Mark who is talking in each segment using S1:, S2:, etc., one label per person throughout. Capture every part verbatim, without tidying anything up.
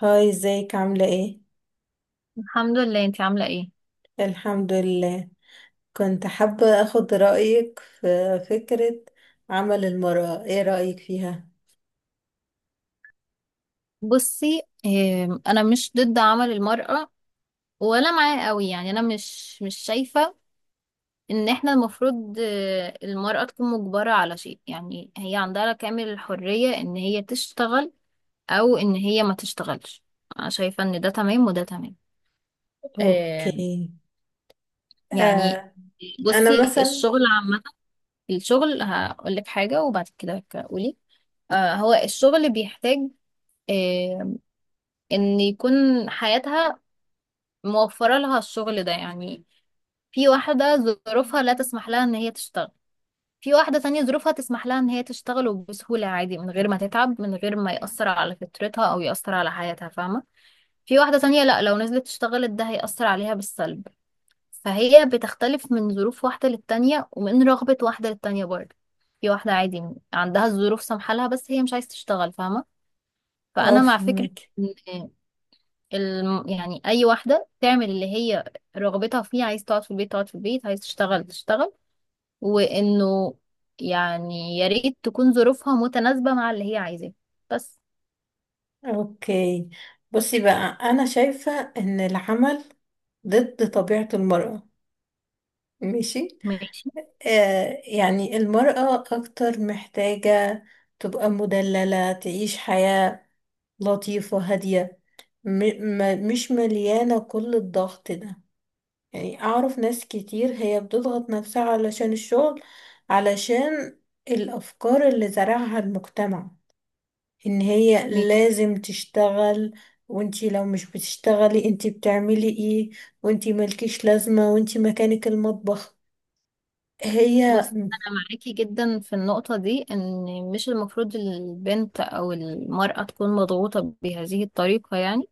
S1: هاي ازيك عاملة ايه؟
S2: الحمد لله. انتي عاملة ايه؟
S1: الحمد لله، كنت حابة اخد رأيك في فكرة. عمل المرأة ايه رأيك فيها؟
S2: بصي، ام، انا مش ضد عمل المرأة ولا معاه قوي. يعني انا مش مش شايفة ان احنا المفروض اه، المرأة تكون مجبرة على شيء. يعني هي عندها كامل الحرية ان هي تشتغل او ان هي ما تشتغلش. انا شايفة ان ده تمام وده تمام. ام،
S1: اوكي.
S2: يعني
S1: آه. انا
S2: بصي
S1: مثلا.
S2: الشغل عامة، الشغل هقولك حاجة وبعد كده قولي. اه، هو الشغل بيحتاج اه، ان يكون حياتها موفرة لها الشغل ده. يعني في واحدة ظروفها لا تسمح لها ان هي تشتغل، في واحدة تانية ظروفها تسمح لها ان هي تشتغل وبسهولة عادي، من غير ما تتعب، من غير ما يأثر على فطرتها او يأثر على حياتها، فاهمة. في واحدة تانية لا، لو نزلت اشتغلت ده هيأثر عليها بالسلب. فهي بتختلف من ظروف واحدة للتانية ومن رغبة واحدة للتانية برضه. في واحدة عادي عندها الظروف سامحة لها، بس هي مش عايزة تشتغل، فاهمة.
S1: اه،
S2: فأنا مع فكرة
S1: فهمك.
S2: إن الم... يعني اي واحده تعمل اللي هي رغبتها فيه. عايز تقعد في البيت تقعد في البيت، عايز تشتغل تشتغل. وانه يعني يا ريت تكون ظروفها متناسبه مع اللي هي عايزاه بس.
S1: اوكي، بصي بقى، انا شايفة ان العمل ضد طبيعة المرأة. ماشي.
S2: ماشي.
S1: آه، يعني المرأة اكتر محتاجة تبقى مدللة، تعيش حياة لطيفة هادية، م م مش مليانة كل الضغط ده. يعني أعرف ناس كتير هي بتضغط نفسها علشان الشغل، علشان الأفكار اللي زرعها المجتمع إن هي
S2: ماشي.
S1: لازم تشتغل. وانتي لو مش بتشتغلي انتي بتعملي ايه، وانتي مالكيش لازمة، وانتي مكانك المطبخ. هي
S2: بص انا معاكي جدا في النقطه دي، ان مش المفروض البنت او المراه تكون مضغوطه بهذه الطريقه. يعني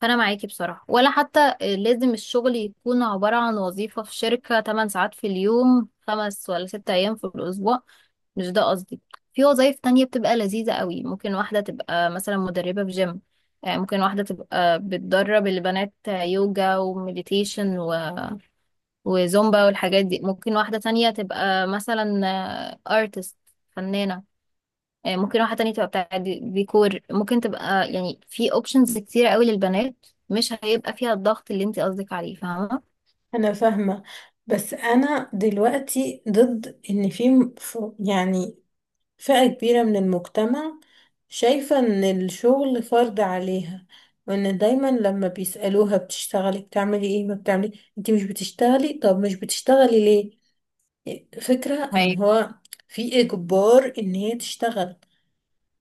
S2: فانا معاكي بصراحه. ولا حتى لازم الشغل يكون عباره عن وظيفه في شركه تمن ساعات في اليوم، خمس ولا ست ايام في الاسبوع. مش ده قصدي. في وظايف تانية بتبقى لذيذة قوي. ممكن واحدة تبقى مثلا مدربة في جيم، آه، ممكن واحدة تبقى بتدرب البنات يوجا ومديتيشن و... وزومبا والحاجات دي. ممكن واحدة تانية تبقى مثلا ارتست، فنانة. آه، ممكن واحدة تانية تبقى بتاع دي- ديكور. ممكن تبقى يعني في اوبشنز كتير قوي للبنات، مش هيبقى فيها الضغط اللي انت قصدك عليه، فاهمة.
S1: أنا فاهمة، بس أنا دلوقتي ضد إن في م- ف- يعني فئة كبيرة من المجتمع شايفة إن الشغل فرض عليها، وإن دايما لما بيسألوها بتشتغلي بتعملي إيه، ما بتعملي، أنت مش بتشتغلي، طب مش بتشتغلي ليه. فكرة إن هو في إجبار إن هي تشتغل،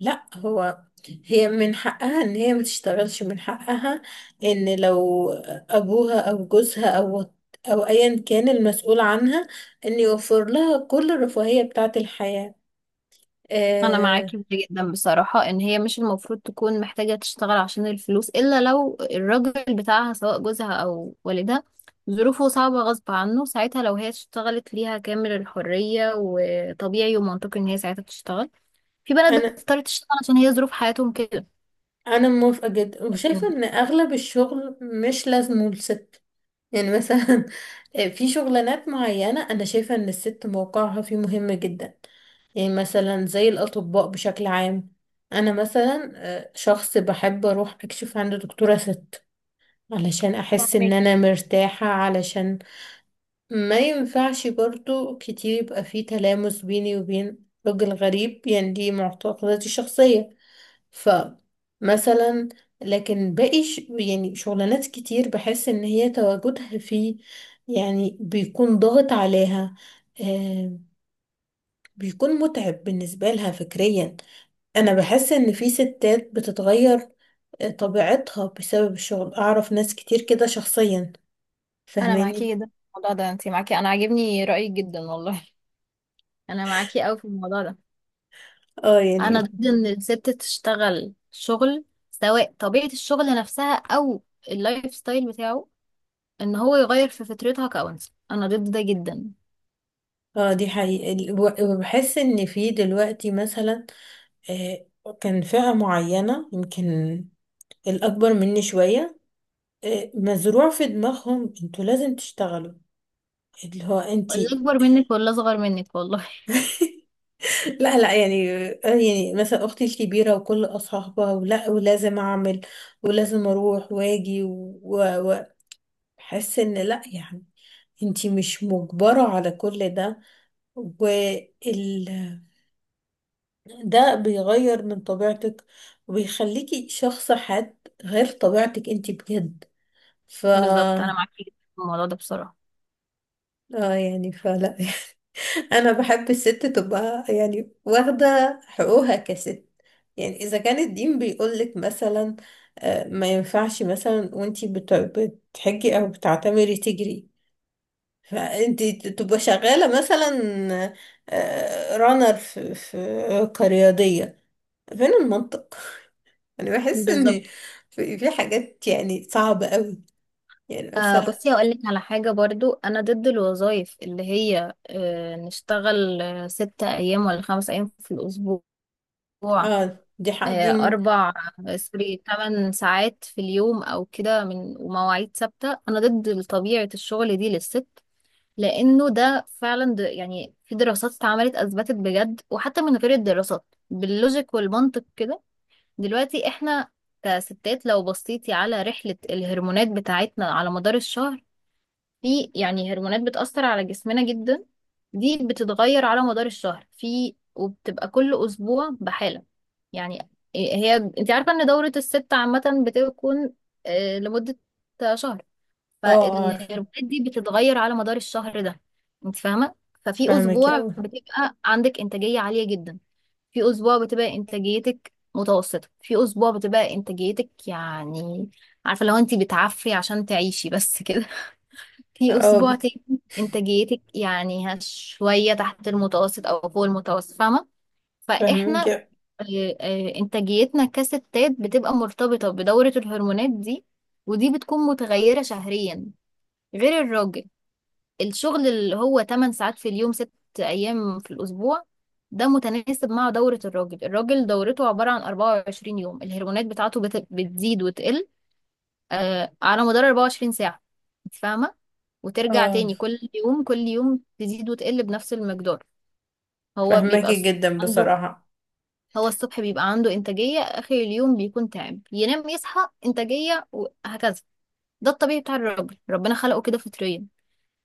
S1: لا، هو هي من حقها إن هي ما تشتغلش، من حقها إن لو أبوها أو جوزها أو أو أيا كان المسؤول عنها، إن يوفر لها كل الرفاهية بتاعة الحياة.
S2: انا معاكي
S1: آه،
S2: في ده جدا بصراحه، ان هي مش المفروض تكون محتاجه تشتغل عشان الفلوس، الا لو الراجل بتاعها، سواء جوزها او والدها، ظروفه صعبه غصب عنه، ساعتها لو هي اشتغلت ليها كامل الحريه، وطبيعي ومنطقي ان هي ساعتها تشتغل. في بنات بتضطر تشتغل عشان هي ظروف حياتهم كده.
S1: انا موافقه جدا وشايفه
S2: لكن
S1: ان اغلب الشغل مش لازمه للست. يعني مثلا في شغلانات معينه انا شايفه ان الست موقعها فيه مهم جدا. يعني مثلا زي الاطباء بشكل عام، انا مثلا آه، شخص بحب اروح اكشف عند دكتوره ست، علشان احس ان انا
S2: فاهماكي.
S1: مرتاحه، علشان ما ينفعش برضو كتير يبقى فيه تلامس بيني وبين راجل غريب، يعني دي معتقداتي الشخصيه. فمثلا لكن باقي ش... يعني شغلانات كتير بحس ان هي تواجدها فيه يعني بيكون ضاغط عليها. آه، بيكون متعب بالنسبة لها فكريا. انا بحس ان في ستات بتتغير آه، طبيعتها بسبب الشغل، اعرف ناس كتير كده شخصيا،
S2: انا
S1: فهماني.
S2: معاكي جدا في الموضوع ده. انت معاكي، انا عاجبني رايك جدا والله. انا معاكي قوي في الموضوع ده.
S1: اه يعني.
S2: انا ضد ان الست تشتغل شغل، سواء طبيعة الشغل نفسها او اللايف ستايل بتاعه، ان هو يغير في فطرتها كأنثى. انا ضد ده جدا.
S1: اه دي حقيقة، الو- وبحس ان في دلوقتي مثلا، آه، كان فئة معينة يمكن الأكبر مني شوية، إيه، مزروع في دماغهم انتوا لازم تشتغلوا، اللي هو
S2: ولا
S1: انتي.
S2: اكبر منك ولا اصغر منك والله.
S1: لا لا، يعني آه، يعني مثلا اختي الكبيره وكل اصحابها، ولا ولازم اعمل ولازم اروح واجي، واحس ان لا يعني انتي مش مجبره على كل ده. وال ده بيغير من طبيعتك وبيخليكي شخص حاد، غير طبيعتك انتي بجد. ف
S2: بالظبط، انا
S1: اه
S2: معاكي جدا في الموضوع ده بصراحة.
S1: يعني فلا. انا بحب الست تبقى يعني واخده حقوقها كست. يعني اذا كان الدين بيقولك مثلا آه، ما ينفعش مثلا وانتي بت- بتحجي او بتعتمري تجري، فانتي ت- تبقى شغاله مثلا آه، رانر في في كرياضيه. فين المنطق؟ انا بحس ان
S2: بالظبط.
S1: في في حاجات يعني صعبه قوي. يعني
S2: آه،
S1: مثلا.
S2: بصي هقول لك على حاجة برضو. انا ضد الوظائف اللي هي آه نشتغل آه ستة ايام ولا خمس ايام في الاسبوع.
S1: اه دي حق
S2: آه،
S1: دي م-
S2: أربع، سوري، تمن ساعات في اليوم أو كده، من ومواعيد ثابتة. أنا ضد طبيعة الشغل دي للست، لأنه ده فعلا، د- يعني في دراسات اتعملت أثبتت بجد، وحتى من غير الدراسات باللوجيك والمنطق كده. دلوقتي إحنا كستات، لو بصيتي على رحلة الهرمونات بتاعتنا على مدار الشهر، في يعني هرمونات بتأثر على جسمنا جدا. دي بتتغير على مدار الشهر، في وبتبقى كل أسبوع بحالة. يعني هي انت عارفة ان دورة الست عامة بتكون آه، لمدة شهر.
S1: اه عارفه.
S2: فالهرمونات دي بتتغير على مدار الشهر ده، انت فاهمة. ففي
S1: فاهمك
S2: أسبوع
S1: اوي.
S2: بتبقى عندك إنتاجية عالية جدا، في أسبوع بتبقى إنتاجيتك متوسطة، في أسبوع بتبقى إنتاجيتك يعني، عارفة لو انت بتعفري عشان تعيشي بس كده. في
S1: اه
S2: أسبوع
S1: بس-
S2: تاني إنتاجيتك يعني هش- شوية تحت المتوسط أو فوق المتوسط، فاهمة. فإحنا
S1: فاهمك.
S2: آه، آه، إنتاجيتنا كستات بتبقى مرتبطة بدورة الهرمونات دي، ودي بتكون متغيرة شهريا. غير الراجل، الشغل اللي هو تمن ساعات في اليوم ست أيام في الأسبوع، ده متناسب مع دورة الراجل. الراجل دورته عبارة عن أربعة وعشرين يوم. الهرمونات بتاعته بت- بتزيد وتقل آه، على مدار أربعة وعشرين ساعة، انت فاهمة. وترجع
S1: اه
S2: تاني، كل يوم كل يوم تزيد وتقل بنفس المقدار. هو بيبقى
S1: فهماكي
S2: الص-
S1: جدا
S2: عنده
S1: بصراحة.
S2: هو الصبح بيبقى عنده إنتاجية، آخر اليوم بيكون تعب، ينام يصحى إنتاجية، وهكذا. ده الطبيعي بتاع الراجل، ربنا خلقه كده فطريا.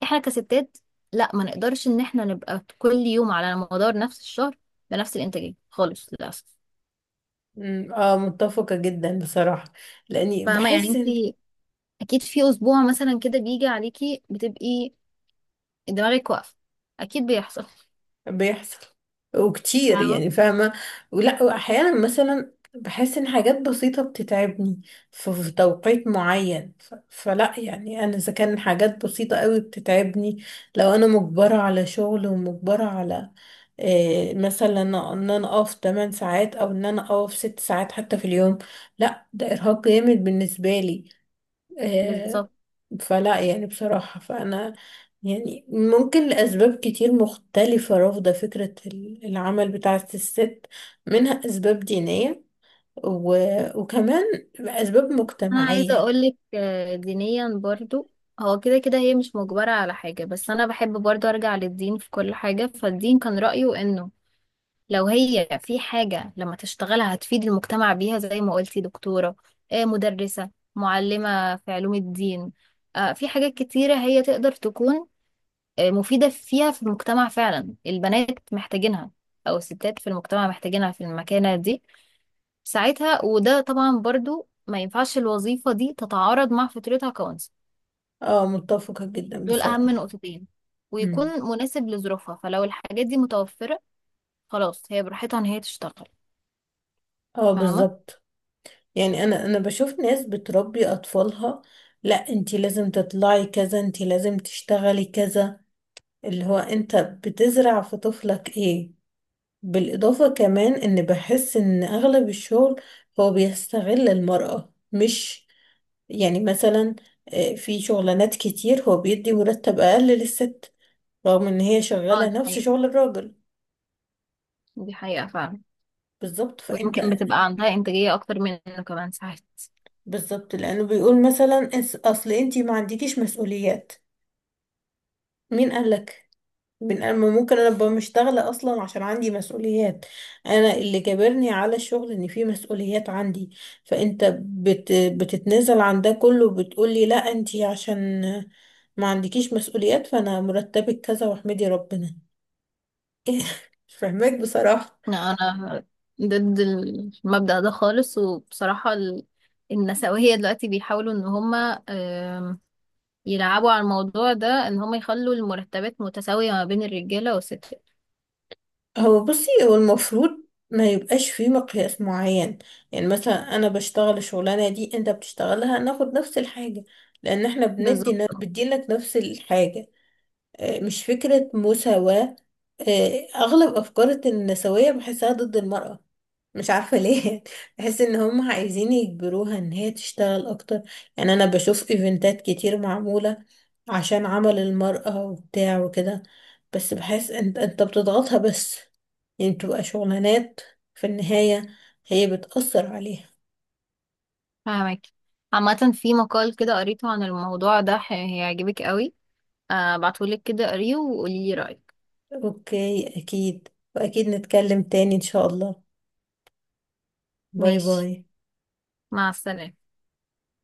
S2: احنا كستات لا، ما نقدرش ان احنا نبقى كل يوم على مدار نفس الشهر بنفس الإنتاجية خالص للأسف.
S1: أمم، اه متفقة جدا بصراحة، لاني
S2: فاهمة يعني
S1: بحس
S2: انت،
S1: ان.
S2: أكيد في أسبوع مثلا كده بيجي عليكي بتبقي دماغك واقفة، أكيد بيحصل،
S1: بيحصل وكتير
S2: فاهمة.
S1: يعني فاهمة، ولا واحيانا مثلا بحس ان حاجات بسيطة بتتعبني في في توقيت معين ف- فلا يعني انا، اذا كان حاجات بسيطة قوي بتتعبني، لو انا مجبرة على شغل ومجبرة على إيه مثلا، ان انا اقف تمن ساعات او ان انا اقف ست ساعات حتى في اليوم، لا ده ارهاق جامد بالنسبة لي. آه،
S2: بالظبط.
S1: فلا يعني بصراحة، فأنا يعني ممكن لأسباب كتير مختلفة رافضة فكرة ال- العمل بتاعة الست، منها أسباب دينية و... وكمان أسباب
S2: انا عايزه
S1: مجتمعية.
S2: اقولك، آه، دينيا برضو هو كده كده هي مش مجبره على حاجه. بس انا بحب برضو ارجع للدين في كل حاجه. فالدين كان رايه انه لو هي في حاجه لما تشتغلها هتفيد المجتمع بيها، زي ما قلتي دكتوره، آه، مدرسه، معلمه في علوم الدين. آه، في حاجات كتيره هي تقدر تكون آه، مفيده فيها في المجتمع، فعلا البنات محتاجينها او الستات في المجتمع محتاجينها في المكانه دي ساعتها. وده طبعا برضو ما ينفعش الوظيفة دي تتعارض مع فكرتها كونسل.
S1: اه متفقة جدا
S2: دول أهم
S1: بصراحة.
S2: نقطتين،
S1: مم.
S2: ويكون مناسب لظروفها. فلو الحاجات دي متوفرة، خلاص هي براحتها إن هي تشتغل،
S1: اه
S2: فاهمة؟
S1: بالظبط. يعني أنا أنا بشوف ناس بتربي أطفالها لا انتي لازم تطلعي كذا، انتي لازم تشتغلي كذا، اللي هو انت بتزرع في طفلك ايه؟ بالإضافة كمان إن بحس إن أغلب الشغل هو بيستغل المرأة، مش يعني مثلا آه، في شغلانات كتير هو بيدي مرتب أقل للست رغم إن هي
S2: اه
S1: شغالة
S2: دي
S1: نفس
S2: حقيقة،
S1: شغل الراجل.
S2: دي حقيقة فعلا.
S1: بالظبط فأنت.
S2: ويمكن بتبقى عندها إنتاجية أكتر منه كمان ساعات.
S1: بالظبط، لأنه بيقول مثلا "أس- أصل أنتي ما عندكيش مسؤوليات. مين قالك؟ من أما ممكن انا ابقى مش شغاله اصلا عشان عندي مسؤوليات، انا اللي جابرني على الشغل ان في مسؤوليات عندي. فانت بت بتتنازل عن ده كله بتقولي لا انتي عشان ما عندكيش مسؤوليات، فانا مرتبك كذا واحمدي ربنا. إيه، مش فاهماك بصراحه.
S2: لا أنا ضد المبدأ ده خالص. وبصراحة ال- النسوية دلوقتي بيحاولوا إن هما، آم، يلعبوا على الموضوع ده، إن هما يخلوا المرتبات متساوية ما بين الرجالة والستات.
S1: هو بصي هو المفروض ما يبقاش في مقياس معين، يعني مثلا انا بشتغل الشغلانه دي انت بتشتغلها ناخد نفس الحاجه، لان احنا بندي
S2: بالظبط.
S1: بتديلك نفس الحاجه. آه، مش فكرة مساواة. آه، أغلب أفكار النسوية بحسها ضد المرأة، مش عارفة ليه. بحس إن هم عايزين يجبروها إن هي تشتغل أكتر. يعني أنا بشوف إيفنتات كتير معمولة عشان عمل المرأة وبتاع وكده، بس بحس أنت أنت بتضغطها بس، يعني بتبقى شغلانات في النهاية هي بتأثر عليها.
S2: فاهمك. عامة في مقال كده قريته عن الموضوع ده، ح- هيعجبك قوي. آه، ابعتهولك كده، قريه وقولي لي رأيك.
S1: أوكي أكيد، وأكيد نتكلم تاني إن شاء الله. باي
S2: ماشي.
S1: باي.
S2: مع السلامة.